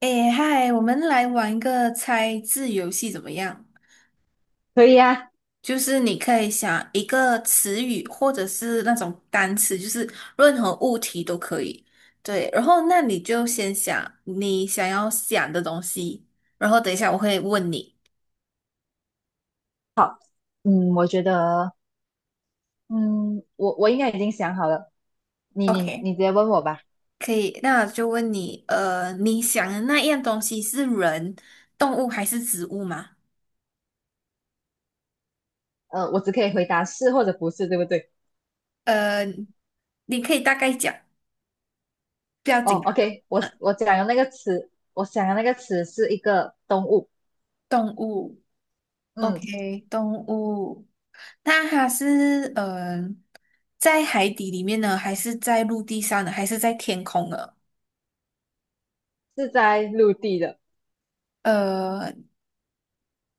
诶，嗨，我们来玩一个猜字游戏怎么样？可以啊。就是你可以想一个词语或者是那种单词，任何物体都可以。对，然后那你就先想你想要想的东西，然后等一下我会问你。好。我觉得，我应该已经想好了，你你 OK,你直接问我吧。可以，那我就问你，你想的那样东西是人、动物还是植物吗？我只可以回答是或者不是，对不对？呃，你可以大概讲，不要哦紧，，OK，我呃，我讲的那个词，我想的那个词是一个动物。动物。嗯，OK,动物。那它是在海底里面呢，还是在陆地上呢，还是在天空呢？是在陆地的。呃，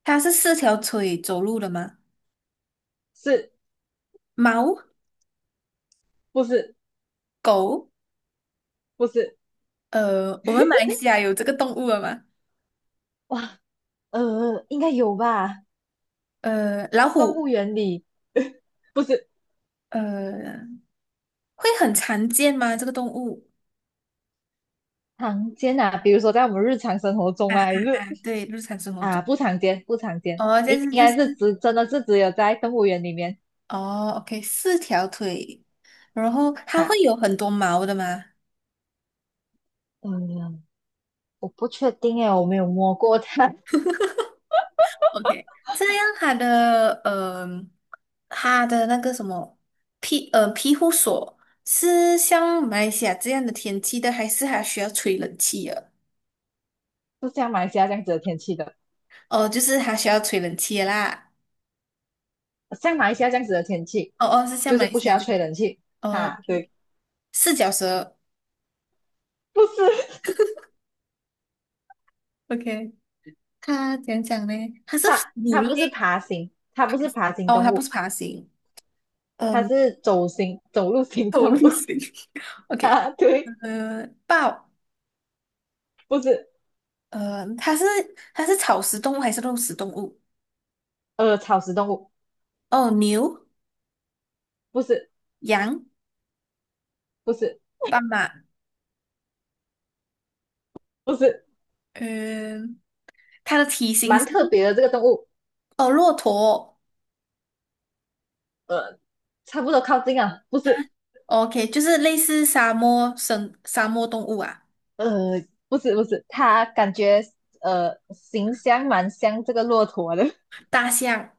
它是四条腿走路的吗？是。猫、不是？狗，不是。呃，我们马来西亚有这个动物了吗？哇，应该有吧。呃，老动虎，物园里。不是。呃，会很常见吗？这个动物？常见啊？比如说在我们日常生活中啊啊啊，还是啊！对，日常生活啊中。不常见，不常见，哦，但应是应该是只真的是只有在动物园里面哦，OK,四条腿，然后它会啊。有很多毛的吗？嗯，我不确定诶，我没有摸过它。OK,这样它的它的那个什么庇护所是像马来西亚这样的天气的，还是它需要吹冷气的？就像马来西亚这样子的天气的。哦，就是它需要吹冷气的啦。像马来西亚这样子的天气，哦哦，是像就马是来不西需亚要这样。吹冷气。哦哈，对。，OK,四脚蛇。不是， OK,它怎样讲呢？它是它，哺乳它不是类爬行，它不是爬行哦，动它不是物。爬行，它嗯，是走行走路 行走动路物。型。OK,啊，对。呃，豹，不是。它是它是草食动物还是肉食动物？草食动物。哦，牛。不是，羊、不是，斑马，不是。嗯，它的体型蛮是特别的这个动物。哦，骆驼呃，差不多靠近啊。不是。，OK,就是类似沙漠动物啊，不是不是，它感觉形象蛮像这个骆驼的。大象，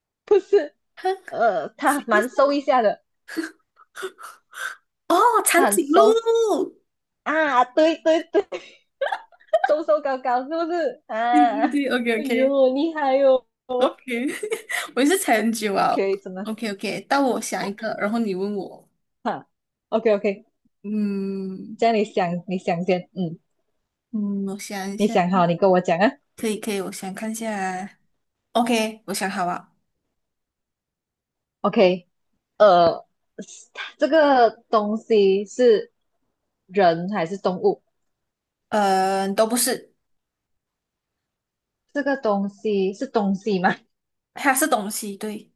不是。哼，它行蛮行瘦一下的，哦，它长很颈瘦鹿 啊。对对对，瘦瘦高高是不是 对啊？对对，OK 哎 OK 呦，厉害哟，哦、OK,我也是猜很久啊！OK，真的。，OK OK,到我想一个，然后你问我，哈，OK OK，嗯这样你想先。嗯，嗯，我想一你下，想好你跟我讲啊可以可以，我想看一下啊，OK,我想好了，，OK。呃，这个东西是人还是动物？嗯，都不是，这个东西是东西吗？它是东西，对。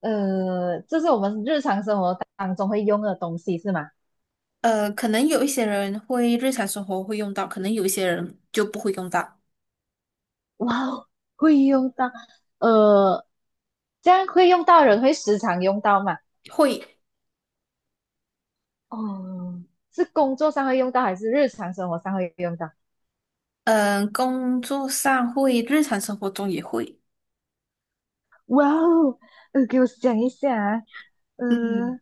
这是我们日常生活当中会用的东西是吗？呃，可能有一些人会日常生活会用到，可能有一些人就不会用到，哇哦，会用到。呃，这样会用到人会时常用到吗？会，哦，是工作上会用到还是日常生活上会用到？嗯、工作上会，日常生活中也会。哇哦，给我想一下啊。嗯，呃，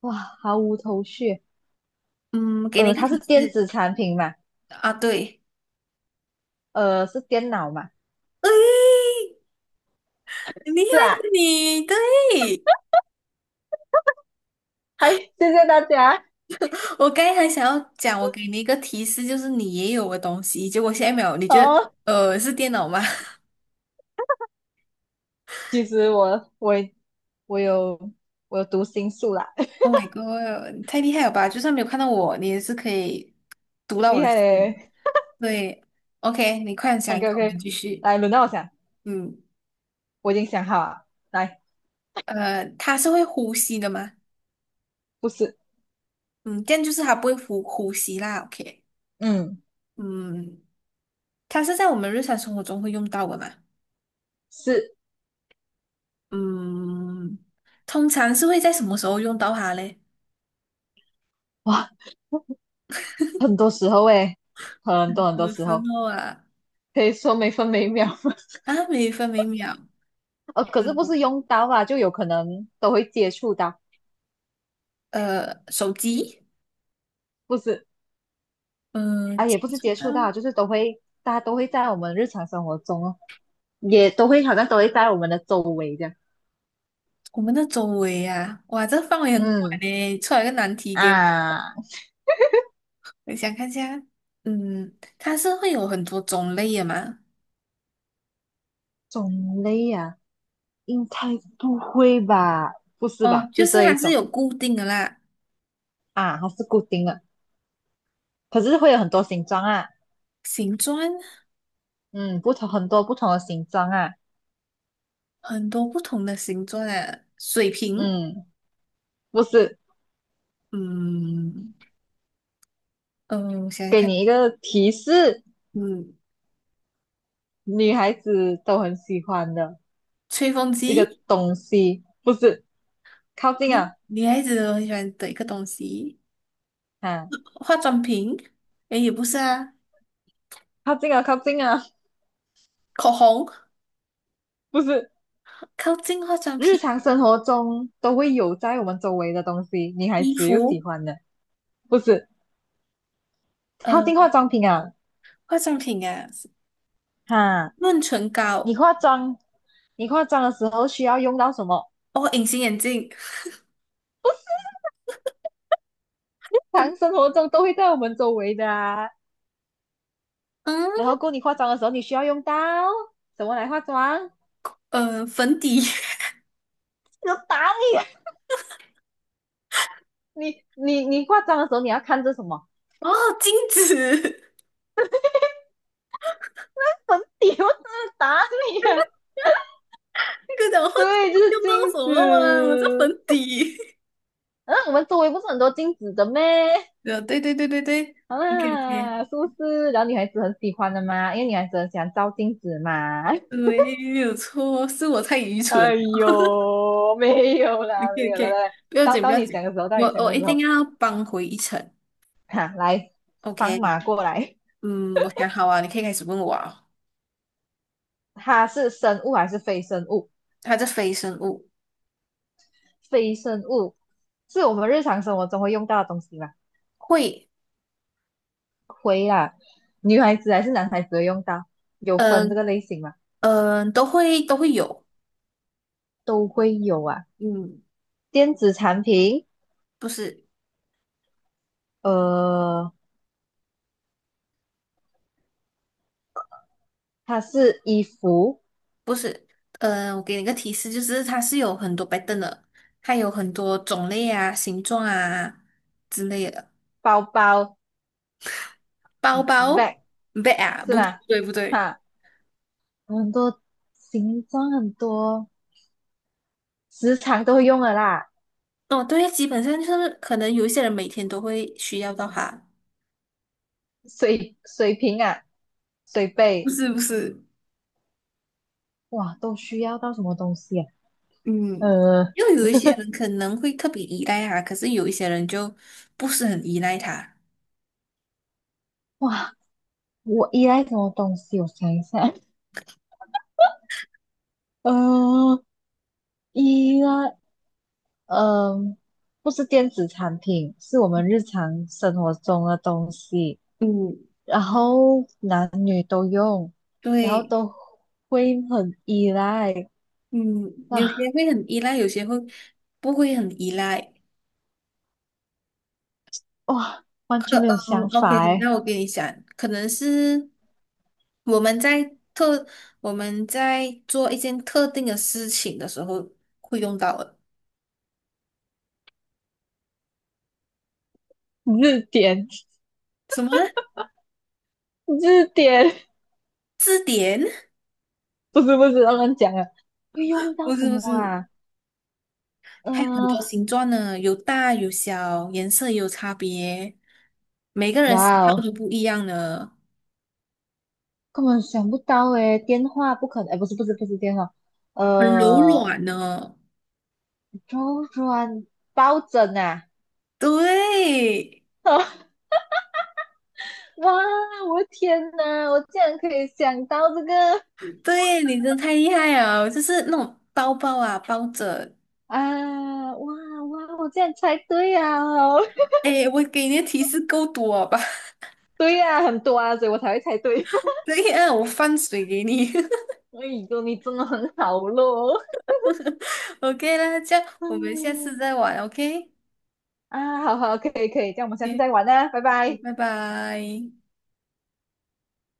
哇，毫无头绪。嗯，给你一个它是提电示子产品嘛？啊，对，是电脑嘛？很厉害是啊，你，对，哎，谢谢大家 我刚才还想要讲，我给你一个提示，就是你也有的东西，结果现在没有，你觉得哦。呃是电脑吗 其实我有我有读心术啦。？Oh my god,你太厉害了吧！就算没有看到我，你也是可以读到我厉的害心。嘞。对，OK,你快点想 OK 一个，我们 OK，继续。来轮到我想，嗯，我已经想好了。来。它是会呼吸的吗？不是。嗯，这样就是它不会呼吸啦。OK,嗯，嗯，它是在我们日常生活中会用到的嘛？是。嗯，通常是会在什么时候用到它嘞？哇，很多时候诶，很多嗯很多有时时候，候啊，可以说每分每秒。啊，每分每秒，可是不是用到啊，就有可能都会接触到。呃，手机，不是。嗯、啊，接也不是触接到触到，就是都会，大家都会在我们日常生活中哦，也都会好像都会在我们的周围这样。我们的周围啊，哇，这范围很广嗯，嘞，出来个难题给我，啊，我想看一下，嗯，它是会有很多种类的嘛？种类啊，应该不会吧？不是哦，吧？就就是这一它是种有固定的啦。啊，它是固定的，可是会有很多形状啊。形状嗯，不同很多不同的形状啊。很多不同的形状啊，水瓶，嗯，不是。嗯嗯，我想想给看，你一个提示，嗯，女孩子都很喜欢的吹风一个机，东西。不是。靠近诶啊。女孩子都很喜欢的一个东西，啊，化妆品，诶，也不是啊，靠近啊，靠近啊。口红，不是。靠近化妆日品，常生活中都会有在我们周围的东西，女孩衣子又喜服，欢的。不是。靠呃，近化妆品啊。化妆品啊，哈，润唇你膏，化妆，你化妆的时候需要用到什么？哦，隐形眼镜，日常生活中都会在我们周围的啊。嗯，然后，过你化妆的时候，你需要用到什么来化妆？呃，粉底，有打你，你化妆的时候，你要看着什么？哦，镜子，你不是打你啊？那个讲话对，就是用到镜什么啊？我这子。粉底，嗯，我们周围不是很多镜子的咩？呃，对对对对对。OK OK,啊，是不是？然后女孩子很喜欢的嘛，因为女孩子很喜欢照镜子嘛。没有错，是我太愚 蠢。哎 呦，没有啦，OK 没有啦，OK,不要到紧不到要你想紧，的时候，到我你想我的一时候。定要扳回一城。哈，来，放 OK,马过来。嗯，我想好啊，你可以开始问我啊。它是生物还是非生物？它是非生物，非生物是我们日常生活中会用到的东西吗？会，会啊。女孩子还是男孩子会用到，有分这嗯个类型吗？嗯，都会有，都会有啊。嗯，电子产品。不是呃，它是衣服、不是，嗯，我给你个提示，就是它是有很多白灯的，它有很多种类啊、形状啊之类的。包包、包包，bag， 不对啊，是不对不吧？对不对，哈，很多形状很多。时常都会用的啦。哦，对，基本上就是可能有一些人每天都会需要到它，水瓶啊，水不杯。是不是，哇，都需要到什么东西啊？嗯，呃，又有一些 人可能会特别依赖它，可是有一些人就不是很依赖它。哇，我依赖什么东西？我想一下。呃，依赖，嗯、不是电子产品，是我们日常生活中的东西。嗯然后男女都用，然后对，都会很依赖。嗯哇有些会很依赖，有些会不会很依赖。哇，完全没有嗯想，OK,法哎。那我跟你讲，可能是我们在特我们在做一件特定的事情的时候会用到的。字典。什么啊字典。字典？不是不是，乱乱讲啊。会用到不什是不么是，啊？还有很呃，多形状呢，有大有小，颜色也有差别，每个人喜哇好都哦，不一样呢，根本想不到诶。电话不可能，哎，不是不是不是电话。很柔呃，软呢。周转抱枕啊。对，哇，我的天呐，我竟然可以想到这个对，你真的太厉害了，就是那种包包啊，包着。啊。哇哇，我竟然猜对啊，哦。 哎，我给你的提示够多吧？对呀，啊，很多啊，所以我才会猜对。对呀，我放水给你。哎呦，你真的很好咯。OK 啦，这样 我们下次嗯再玩。OK,啊，好好，可以可以，这样我们下次嗯，再玩啦，拜拜。拜拜。